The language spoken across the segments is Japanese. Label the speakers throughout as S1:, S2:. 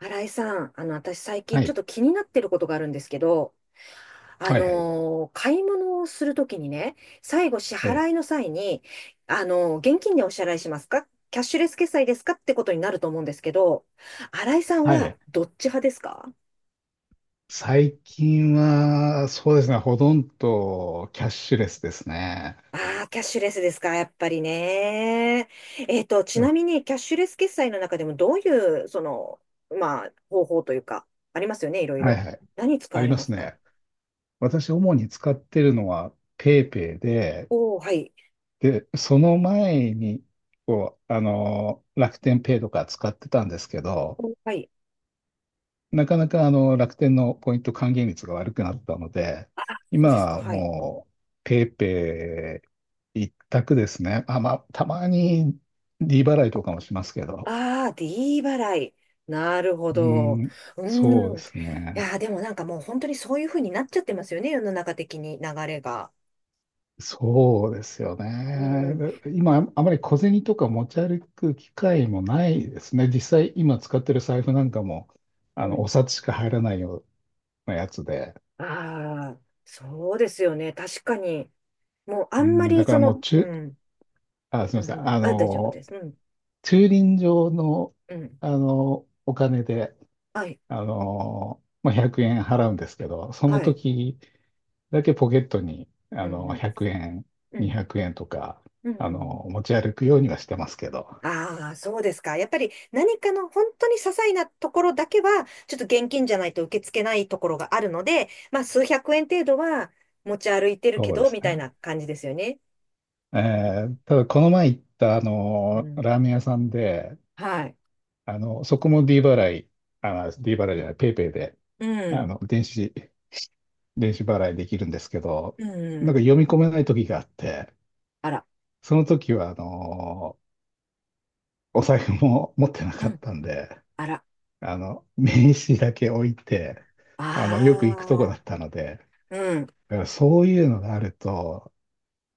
S1: 新井さん、私最近
S2: は
S1: ちょっ
S2: い。
S1: と気になってることがあるんですけど、
S2: はいはい。
S1: 買い物をするときにね、最後支
S2: ええ。
S1: 払いの際に、現金でお支払いしますかキャッシュレス決済ですかってことになると思うんですけど、新井さん
S2: は
S1: は
S2: い。
S1: どっち派ですか？
S2: 最近は、そうですね、ほとんどキャッシュレスですね。
S1: ああー、キャッシュレスですか、やっぱりね。ち
S2: う
S1: な
S2: ん。
S1: みにキャッシュレス決済の中でもどういう、まあ、方法というか、ありますよね、いろい
S2: はい
S1: ろ。
S2: はい。
S1: 何使
S2: あ
S1: わ
S2: り
S1: れ
S2: ま
S1: ま
S2: す
S1: すか？
S2: ね。私、主に使ってるのは PayPay で、
S1: おおー、はい。
S2: その前に、楽天ペイとか使ってたんですけど、
S1: おーはい。
S2: なかなか楽天のポイント還元率が悪くなったので、
S1: そ
S2: 今
S1: うですか、
S2: は
S1: はい。
S2: もう PayPay 一択ですね。まあ、たまに利払いとかもしますけど。
S1: ああ、D 払い。なるほ
S2: う
S1: ど。
S2: ん、
S1: う
S2: そう
S1: ー
S2: で
S1: ん。い
S2: すね。
S1: やー、でもなんかもう本当にそういう風になっちゃってますよね、世の中的に流れが。
S2: そうですよ
S1: うん、
S2: ね。今、あまり小銭とか持ち歩く機会もないですね。実際、今使ってる財布なんかも、
S1: う
S2: お
S1: ん。
S2: 札しか入らないようなやつで。
S1: ああ、そうですよね。確かに。もうあ
S2: う
S1: んま
S2: ん、だ
S1: り
S2: か
S1: そ
S2: らもう、
S1: の、う
S2: 中、
S1: ん、
S2: あ、す
S1: う
S2: みませ
S1: ん、う
S2: ん。
S1: ん。あ、大丈夫です。うん、
S2: 駐輪場の、
S1: うん。
S2: お金で、
S1: はい、
S2: まあ、100円払うんですけど、その
S1: はい。
S2: 時だけポケットに、
S1: うん、うん、
S2: 100円、200円とか、
S1: うん、うん。
S2: 持ち歩くようにはしてますけど。
S1: ああ、そうですか。やっぱり何かの本当に些細なところだけは、ちょっと現金じゃないと受け付けないところがあるので、まあ数百円程度は持ち歩いてるけ
S2: そうで
S1: ど、
S2: す
S1: みたい
S2: ね。
S1: な感じですよね。
S2: ただ、この前行った、
S1: うん。
S2: ラーメン屋さんで、
S1: はい。
S2: そこも D 払いじゃない、ペイペイで、
S1: う
S2: あ
S1: ん。
S2: の、電子、電子払いできるんですけど、
S1: う
S2: なんか
S1: ん。
S2: 読み込めない時があって、
S1: あら。
S2: その時は、お財布も 持ってな
S1: う
S2: かっ
S1: ん。
S2: たんで、
S1: あら。
S2: 名刺だけ置いて、よく行くとこ
S1: あ
S2: だ
S1: あ。
S2: ったので、
S1: うん。
S2: だからそういうのがあると、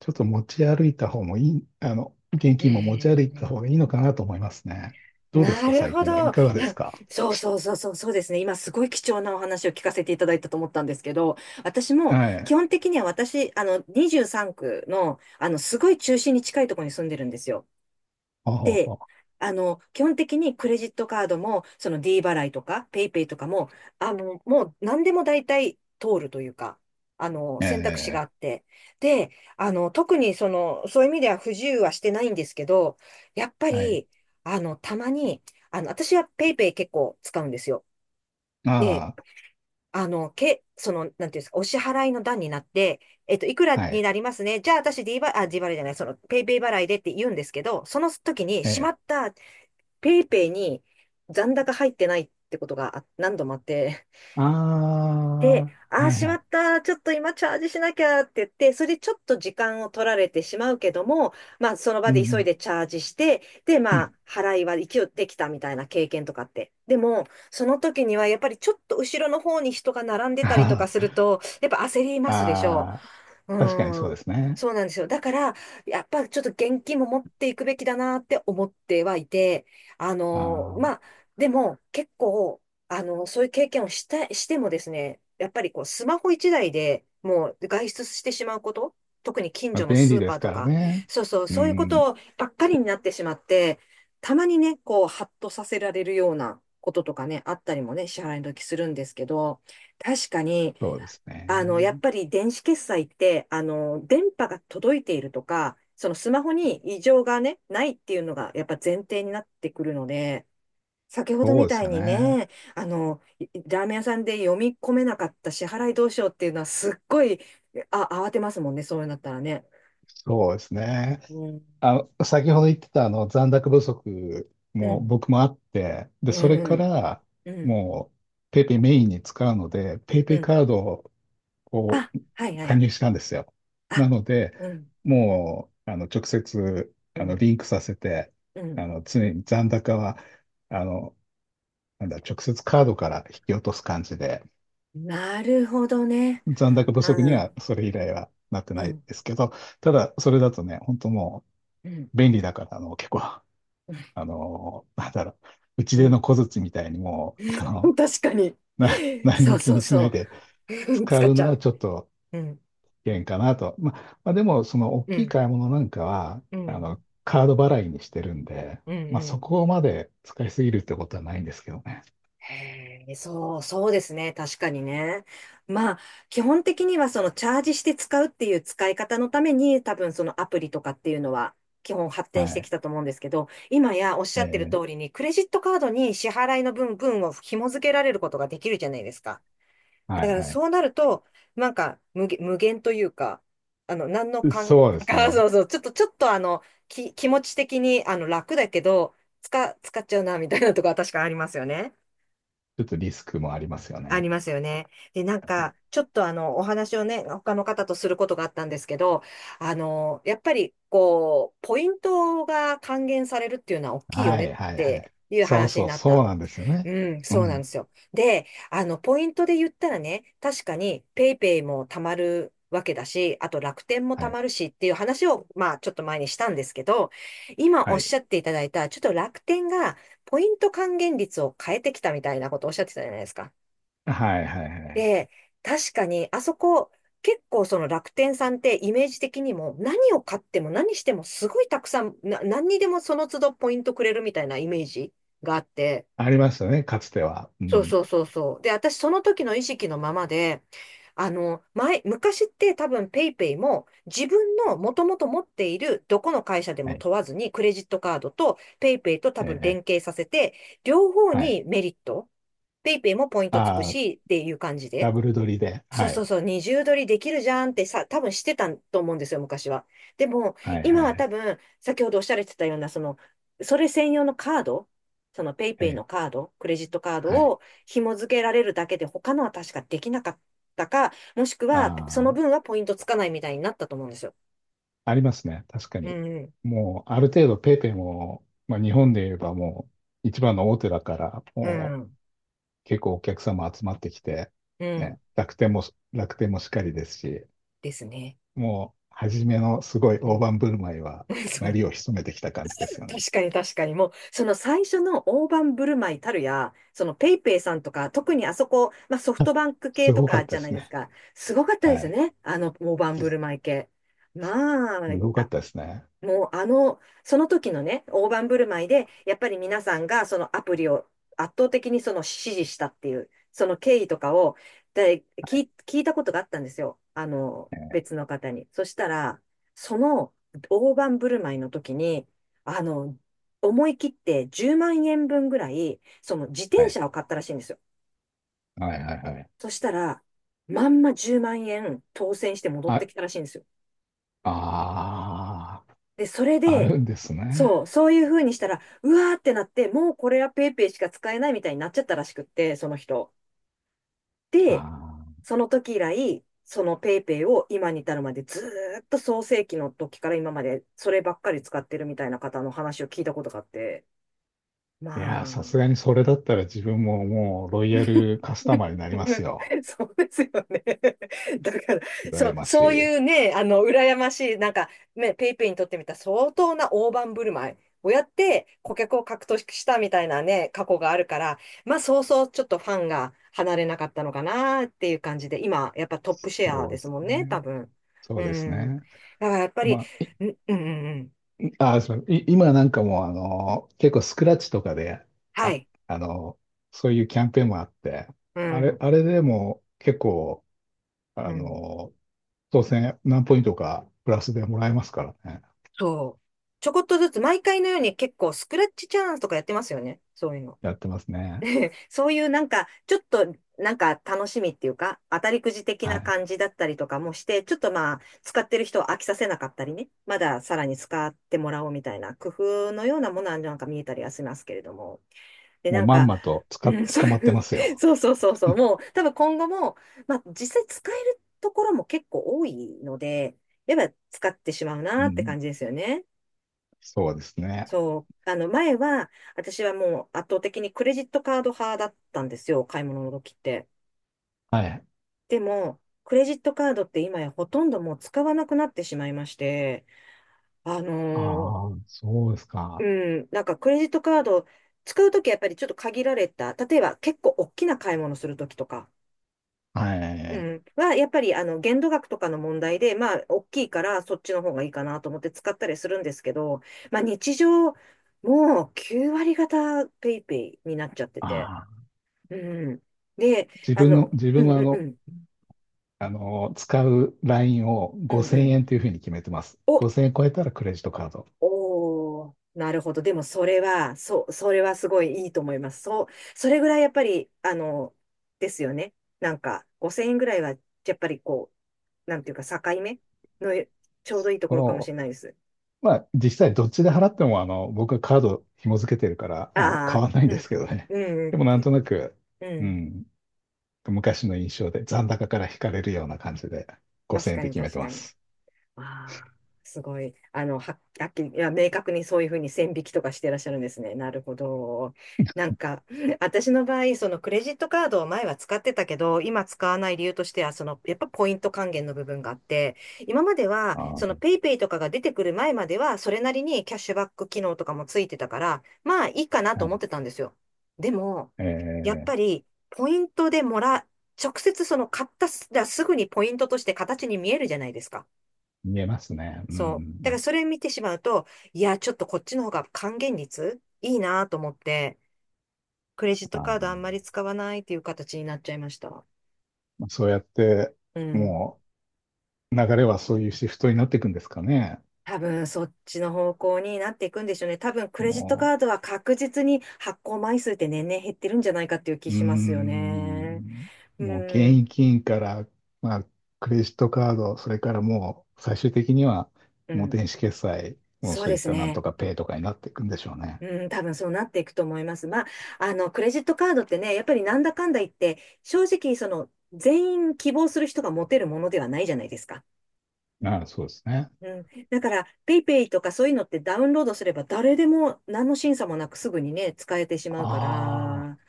S2: ちょっと持ち歩いた方もいい、あの、現
S1: へ
S2: 金も持ち歩いた方が
S1: え、
S2: いいのかなと思いますね。どうです
S1: な
S2: か、
S1: る
S2: 最
S1: ほ
S2: 近はい
S1: ど。い
S2: かがです
S1: や、
S2: か？
S1: そうそうそうそう、そうですね。今すごい貴重なお話を聞かせていただいたと思ったんですけど、私も
S2: は
S1: 基
S2: い。
S1: 本的には私、23区の、すごい中心に近いところに住んでるんですよ。
S2: ほうほう
S1: で、
S2: ほう。
S1: 基本的にクレジットカードも、その D 払いとか、ペイペイとかも、もう何でも大体通るというか、選択肢が
S2: え
S1: あって。で、特にその、そういう意味では不自由はしてないんですけど、やっぱ
S2: ー、はい。
S1: り、たまに、私はペイペイ結構使うんですよ。で、
S2: あ
S1: その、なんていうんですか、お支払いの段になって、いくら
S2: あ、は
S1: に
S2: い。
S1: なりますね。じゃあ、私 D 払い、あ、D 払いじゃない、その、ペイペイ払いでって言うんですけど、その時に、し
S2: え
S1: まった。ペイペイに残高入ってないってことが何度もあって、
S2: ー、
S1: で、
S2: ああ、
S1: ああ、
S2: はい
S1: し
S2: は
S1: ま
S2: い。
S1: った、ちょっと今チャージしなきゃって言って、それでちょっと時間を取られてしまうけども、まあ、その場
S2: う
S1: で急い
S2: ん
S1: でチャージして、で、
S2: う
S1: まあ、
S2: ん。
S1: 払いは一応できたみたいな経験とかって。でも、その時にはやっぱりちょっと後ろの方に人が並んでたりとか
S2: あ
S1: すると、やっぱ焦り
S2: あ、
S1: ますでしょ？
S2: ああ、
S1: う
S2: 確かにそうで
S1: ん。
S2: すね。
S1: そうなんですよ。だから、やっぱちょっと現金も持っていくべきだなって思ってはいて、あ
S2: あ
S1: の
S2: ー、
S1: まあ、でも結構、あのそういう経験をした、してもですね、やっぱりこう、スマホ一台でもう外出してしまうこと、特に近
S2: まあ、
S1: 所の
S2: 便
S1: ス
S2: 利
S1: ー
S2: で
S1: パー
S2: す
S1: と
S2: から
S1: か、
S2: ね。
S1: そうそう、
S2: う
S1: そういうこ
S2: ん、
S1: とばっかりになってしまって、たまにね、こう、ハッとさせられるようなこととかね、あったりもね、支払いの時するんですけど、確かに、
S2: そうです
S1: やっ
S2: ね。
S1: ぱり電子決済って、電波が届いているとか、そのスマホに異常がね、ないっていうのがやっぱ前提になってくるので、先ほど
S2: そう
S1: み
S2: で
S1: た
S2: す
S1: い
S2: よ
S1: に
S2: ね。
S1: ね、ラーメン屋さんで読み込めなかった支払いどうしようっていうのはすっごい、あ、慌てますもんね、そうなったらね。
S2: そうですね。
S1: うん。
S2: あ、先ほど言ってたあの残高不足
S1: う
S2: も
S1: ん。
S2: 僕もあって、で、
S1: う
S2: それか
S1: ん。
S2: ら
S1: うん。
S2: もうペイペイメインに使うので、ペイペ
S1: う
S2: イ
S1: ん。
S2: カードを
S1: あ、はいは
S2: 加
S1: い。
S2: 入したんですよ。
S1: あ、
S2: なので、
S1: うん。
S2: もう直接
S1: う
S2: あの
S1: ん。
S2: リンクさせて、
S1: うん。
S2: 常に残高はあのなんだ、直接カードから引き落とす感じで、
S1: なるほどね。
S2: 残高不
S1: あ
S2: 足に
S1: ー、
S2: はそれ以来はなって
S1: う
S2: ない
S1: ん。
S2: ですけど、ただそれだとね、本当も
S1: うん。
S2: う便利だからあの結構あ
S1: うん。
S2: の、なんだろう、打ち
S1: う
S2: で
S1: ん。
S2: の小槌みたいにもう、
S1: 確かに。
S2: な、何
S1: そ
S2: も
S1: う
S2: 気
S1: そう
S2: にしない
S1: そ
S2: で
S1: う。
S2: 使
S1: 使っ
S2: う
S1: ち
S2: の
S1: ゃ
S2: は
S1: う。
S2: ちょっと
S1: うん、
S2: 危険かなと。まあ、でも、その大
S1: う
S2: きい
S1: ん、
S2: 買い物なんかは、
S1: うん、
S2: カード払いにしてるんで、
S1: うん、
S2: まあ、
S1: う
S2: そ
S1: ん。
S2: こまで使いすぎるってことはないんですけどね。
S1: へえ、そう、そうですね。確かにね。まあ、基本的にはそのチャージして使うっていう使い方のために、多分そのアプリとかっていうのは基本発
S2: は
S1: 展してき
S2: い。
S1: たと思うんですけど、今やおっし
S2: え
S1: ゃってる通
S2: ー、
S1: りに、クレジットカードに支払いの分を紐付けられることができるじゃないですか。
S2: は
S1: だ
S2: い
S1: から
S2: は
S1: そうなると、なんか無限というか、あの、何の
S2: い。
S1: かん、
S2: そうです
S1: そ
S2: ね。
S1: うそう、ちょっとあの、気持ち的にあの楽だけど、使っちゃうな、みたいなとこは確かありますよね。
S2: ちょっとリスクもありますよ
S1: あり
S2: ね。
S1: ますよね。で、なんか、ちょっとあの、お話をね、他の方とすることがあったんですけど、やっぱり、こう、ポイントが還元されるっていうのは大きいよ
S2: は
S1: ねっ
S2: いはいは
S1: て
S2: い。
S1: いう話になっ
S2: そう
S1: た。
S2: なんですよ
S1: う
S2: ね。
S1: ん、
S2: う
S1: そうなんで
S2: ん。
S1: すよ。で、ポイントで言ったらね、確かにペイペイも貯まるわけだし、あと楽天も
S2: は
S1: 貯
S2: い。
S1: まるしっていう話を、まあ、ちょっと前にしたんですけど、今お
S2: は
S1: っ
S2: い。
S1: しゃっていただいた、ちょっと楽天がポイント還元率を変えてきたみたいなことをおっしゃってたじゃないですか。
S2: はいはいはい。
S1: で、確かに、あそこ、結構その楽天さんってイメージ的にも何を買っても何してもすごいたくさん、何にでもその都度ポイントくれるみたいなイメージがあって、
S2: ありましたね、かつては。う
S1: そう
S2: ん。
S1: そうそうそう。で、私その時の意識のままで、昔って多分ペイペイも自分のもともと持っているどこの会社で
S2: は
S1: も
S2: い。
S1: 問わずにクレジットカードとペイペイと多分
S2: え
S1: 連
S2: え。
S1: 携させて、両方
S2: はい。
S1: にメリット。ペイペイもポイントつく
S2: ああ、
S1: しっていう感じ
S2: ダ
S1: で。
S2: ブル撮りで。
S1: そう
S2: は
S1: そう
S2: い。
S1: そう、二重撮りできるじゃんってさ、多分してたと思うんですよ、昔は。でも、
S2: はい
S1: 今
S2: はい
S1: は
S2: は
S1: 多
S2: い。
S1: 分、先ほどおっしゃられてたような、その、それ専用のカード、そのペイペ
S2: え
S1: イ
S2: え。
S1: のカード、クレジットカード
S2: はい。
S1: を紐付けられるだけで、他のは確かできなかったか、もしくは、そ
S2: あ
S1: の分
S2: あ、
S1: はポイントつかないみたいになったと思うんですよ。
S2: ありますね。確か
S1: う
S2: に。
S1: ん、
S2: もう、ある程度ペイペイも、まあ、日本で言えばもう、一番の大手だから、
S1: う
S2: もう、
S1: ん、
S2: 結構お客様集まってきて、
S1: うん、
S2: ね、楽天もしっかりですし、
S1: ですね。
S2: もう、初めのすごい
S1: う
S2: 大
S1: ん。
S2: 盤振る舞いは、
S1: そ
S2: 鳴
S1: う、
S2: りを潜めてきた感じですよね。
S1: 確かに確かに。もう、その最初の大盤振る舞いたるや、そのペイペイさんとか、特にあそこ、まあソフトバンク
S2: す
S1: 系と
S2: ごかっ
S1: かじ
S2: たで
S1: ゃない
S2: す
S1: です
S2: ね。
S1: か。すごかったで
S2: は
S1: すよ
S2: い。
S1: ね。あの大盤振る
S2: す
S1: 舞い系。まあ、
S2: ごかっ
S1: あ
S2: たですね。
S1: もうその時のね、大盤振る舞いで、やっぱり皆さんがそのアプリを圧倒的にその支持したっていう、その経緯とかをで聞い、聞いたことがあったんですよ。
S2: ええ。
S1: 別の方に。そしたら、その大盤振る舞いの時に、あの、思い切って10万円分ぐらい、その自
S2: は
S1: 転
S2: い。
S1: 車を買ったらしいんですよ。
S2: はいはいはい。
S1: そしたら、まんま10万円当選して戻っ
S2: あ、
S1: てきたらしいんですよ。
S2: あ
S1: で、それ
S2: あ、あ
S1: で、
S2: るんですね。
S1: そう、そういう風にしたら、うわーってなって、もうこれはペイペイしか使えないみたいになっちゃったらしくって、その人。
S2: あ
S1: で、
S2: あ。
S1: その時以来、そのペイペイを今に至るまでずーっと創世期の時から今までそればっかり使ってるみたいな方の話を聞いたことがあって、
S2: いやー、
S1: まあ、
S2: さすがにそれだったら自分ももうロイヤルカスタマーになりますよ。
S1: そうですよね。だから、そ
S2: 羨
S1: う、
S2: まし
S1: そう
S2: い。
S1: いうね、羨ましい、なんか、ね、ペイペイにとってみたら相当な大盤振る舞いをやって、顧客を獲得したみたいなね、過去があるから、まあ、そうそう、ちょっとファンが離れなかったのかなっていう感じで、今、やっぱトップシェア
S2: そう
S1: で
S2: で
S1: す
S2: す
S1: もんね、多
S2: ね。
S1: 分。
S2: そう
S1: う
S2: です
S1: ん。
S2: ね。
S1: だから、やっぱり、
S2: まあ、い
S1: んうんうんうん。
S2: あー、そうい今なんかもうあの結構スクラッチとかで、
S1: は
S2: あ、
S1: い。
S2: あのそういうキャンペーンもあって、
S1: うん。
S2: あれでも結構、
S1: う
S2: あ
S1: ん。
S2: の当選何ポイントかプラスでもらえますからね。
S1: そう。ちょこっとずつ、毎回のように結構、スクラッチチャンスとかやってますよね、そういうの。
S2: やってますね。
S1: そういうなんか、ちょっとなんか楽しみっていうか、当たりくじ的
S2: は
S1: な
S2: い。
S1: 感じだったりとかもして、ちょっとまあ、使ってる人を飽きさせなかったりね、まださらに使ってもらおうみたいな工夫のようなものはなんか見えたりはしますけれども。で、
S2: もう
S1: なん
S2: まん
S1: か、
S2: まとつか、
S1: うん、そう
S2: 捕まってます よ。
S1: そうそうそうそう、もう多分今後も、まあ実際使えるところも結構多いので、やっぱ使ってしまう
S2: う
S1: なって
S2: ん、
S1: 感じですよね。
S2: そうですね。
S1: そう。前は、私はもう圧倒的にクレジットカード派だったんですよ、買い物の時って。
S2: はい。
S1: でも、クレジットカードって今やほとんどもう使わなくなってしまいまして、あのー
S2: ああ、そうです
S1: う
S2: か。
S1: ん、なんかクレジットカード使う時はやっぱりちょっと限られた。例えば結構大きな買い物する時とか、
S2: は
S1: う
S2: い。
S1: ん、やっぱり、限度額とかの問題で、まあ、大きいから、そっちの方がいいかなと思って使ったりするんですけど、まあ、日常、もう9割方ペイペイになっちゃってて。
S2: ああ、
S1: うん。で、あの、
S2: 自
S1: う
S2: 分
S1: ん
S2: は
S1: う
S2: あ
S1: んう
S2: の、
S1: ん、
S2: 使うラインを
S1: うんう
S2: 5000
S1: ん。
S2: 円というふうに決めてます。
S1: お、
S2: 5000円超えたらクレジットカード
S1: おー、なるほど。でも、それは、そう、それはすごいいいと思います。そう、それぐらいやっぱり、ですよね。なんか、5000円ぐらいは、やっぱりこう、なんていうか、境目のちょうどいいところかもし
S2: を、
S1: れないです。
S2: まあ、実際どっちで払っても、僕はカード紐付けてるから、
S1: あ
S2: 変
S1: あ、
S2: わらないん
S1: う
S2: で
S1: ん、
S2: すけどね。
S1: う
S2: で
S1: ん、
S2: もなんとなく、
S1: う
S2: う
S1: ん。
S2: ん、昔の印象で残高から引かれるような感じで
S1: 確
S2: 5000円
S1: か
S2: で
S1: に
S2: 決め
S1: 確
S2: てま
S1: かに。
S2: す。
S1: ああ、すごい。はっきり、いや、明確にそういうふうに線引きとかしてらっしゃるんですね。なるほど。なんか、私の場合、そのクレジットカードを前は使ってたけど、今使わない理由としては、その、やっぱポイント還元の部分があって、今までは、
S2: ああ、は
S1: そのペイペイとかが出てくる前までは、それなりにキャッシュバック機能とかもついてたから、まあいいかなと思って
S2: い。
S1: たんですよ。でも、
S2: え
S1: やっ
S2: ー、
S1: ぱり、ポイントでもら、直接その買ったす、だからすぐにポイントとして形に見えるじゃないですか。
S2: 見えますね。う
S1: そう。だから
S2: ん。
S1: それ見てしまうと、いや、ちょっとこっちの方が還元率いいなと思って、クレジッ
S2: あ
S1: トカ
S2: ー、
S1: ードあんまり使わないっていう形になっちゃいました。
S2: まあそうやって、
S1: うん。
S2: もう流れはそういうシフトになっていくんですかね。
S1: 多分そっちの方向になっていくんでしょうね。多分クレジット
S2: も
S1: カードは確実に発行枚数って年々減ってるんじゃないかっていう気
S2: う、うー
S1: しますよね。
S2: ん、
S1: う
S2: もう現
S1: ん。
S2: 金から、まあ、クレジットカード、それからもう最終的には
S1: う
S2: もう
S1: ん。
S2: 電子決済、もう
S1: そう
S2: そう
S1: で
S2: いっ
S1: す
S2: たなんと
S1: ね。
S2: かペイとかになっていくんでしょうね。
S1: うん、多分そうなっていくと思います。まあ、クレジットカードってね、やっぱりなんだかんだ言って、正直、その、全員希望する人が持てるものではないじゃないですか。
S2: ああ、そうですね。
S1: うん。だから、ペイペイとかそういうのってダウンロードすれば誰でも何の審査もなくすぐにね、使えてしまうか
S2: ああ、
S1: ら、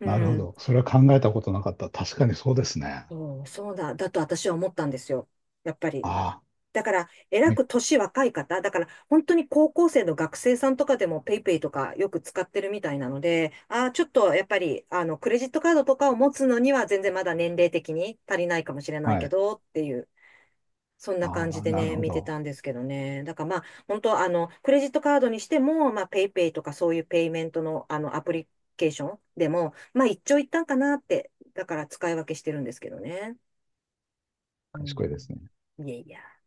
S1: う
S2: なるほ
S1: ん。
S2: ど。それは考えたことなかった。確かにそうですね。
S1: そう、そうだと私は思ったんですよ。やっぱり。
S2: ああ、
S1: だから、えら
S2: ね、
S1: く年若い方、だから、本当に高校生の学生さんとかでも PayPay とかよく使ってるみたいなので、ああ、ちょっとやっぱり、クレジットカードとかを持つのには全然まだ年齢的に足りないかもしれない
S2: は
S1: け
S2: い。
S1: ど、っていう、そんな
S2: あ
S1: 感じ
S2: あ、
S1: で
S2: なる
S1: ね、
S2: ほ
S1: 見て
S2: ど。
S1: たんですけどね。だからまあ、本当、クレジットカードにしても、まあ、PayPay とかそういうペイメントの、アプリケーションでも、まあ、一長一短かなって、だから使い分けしてるんですけどね。う
S2: 賢いで
S1: ん
S2: すね。
S1: うん。いやいや。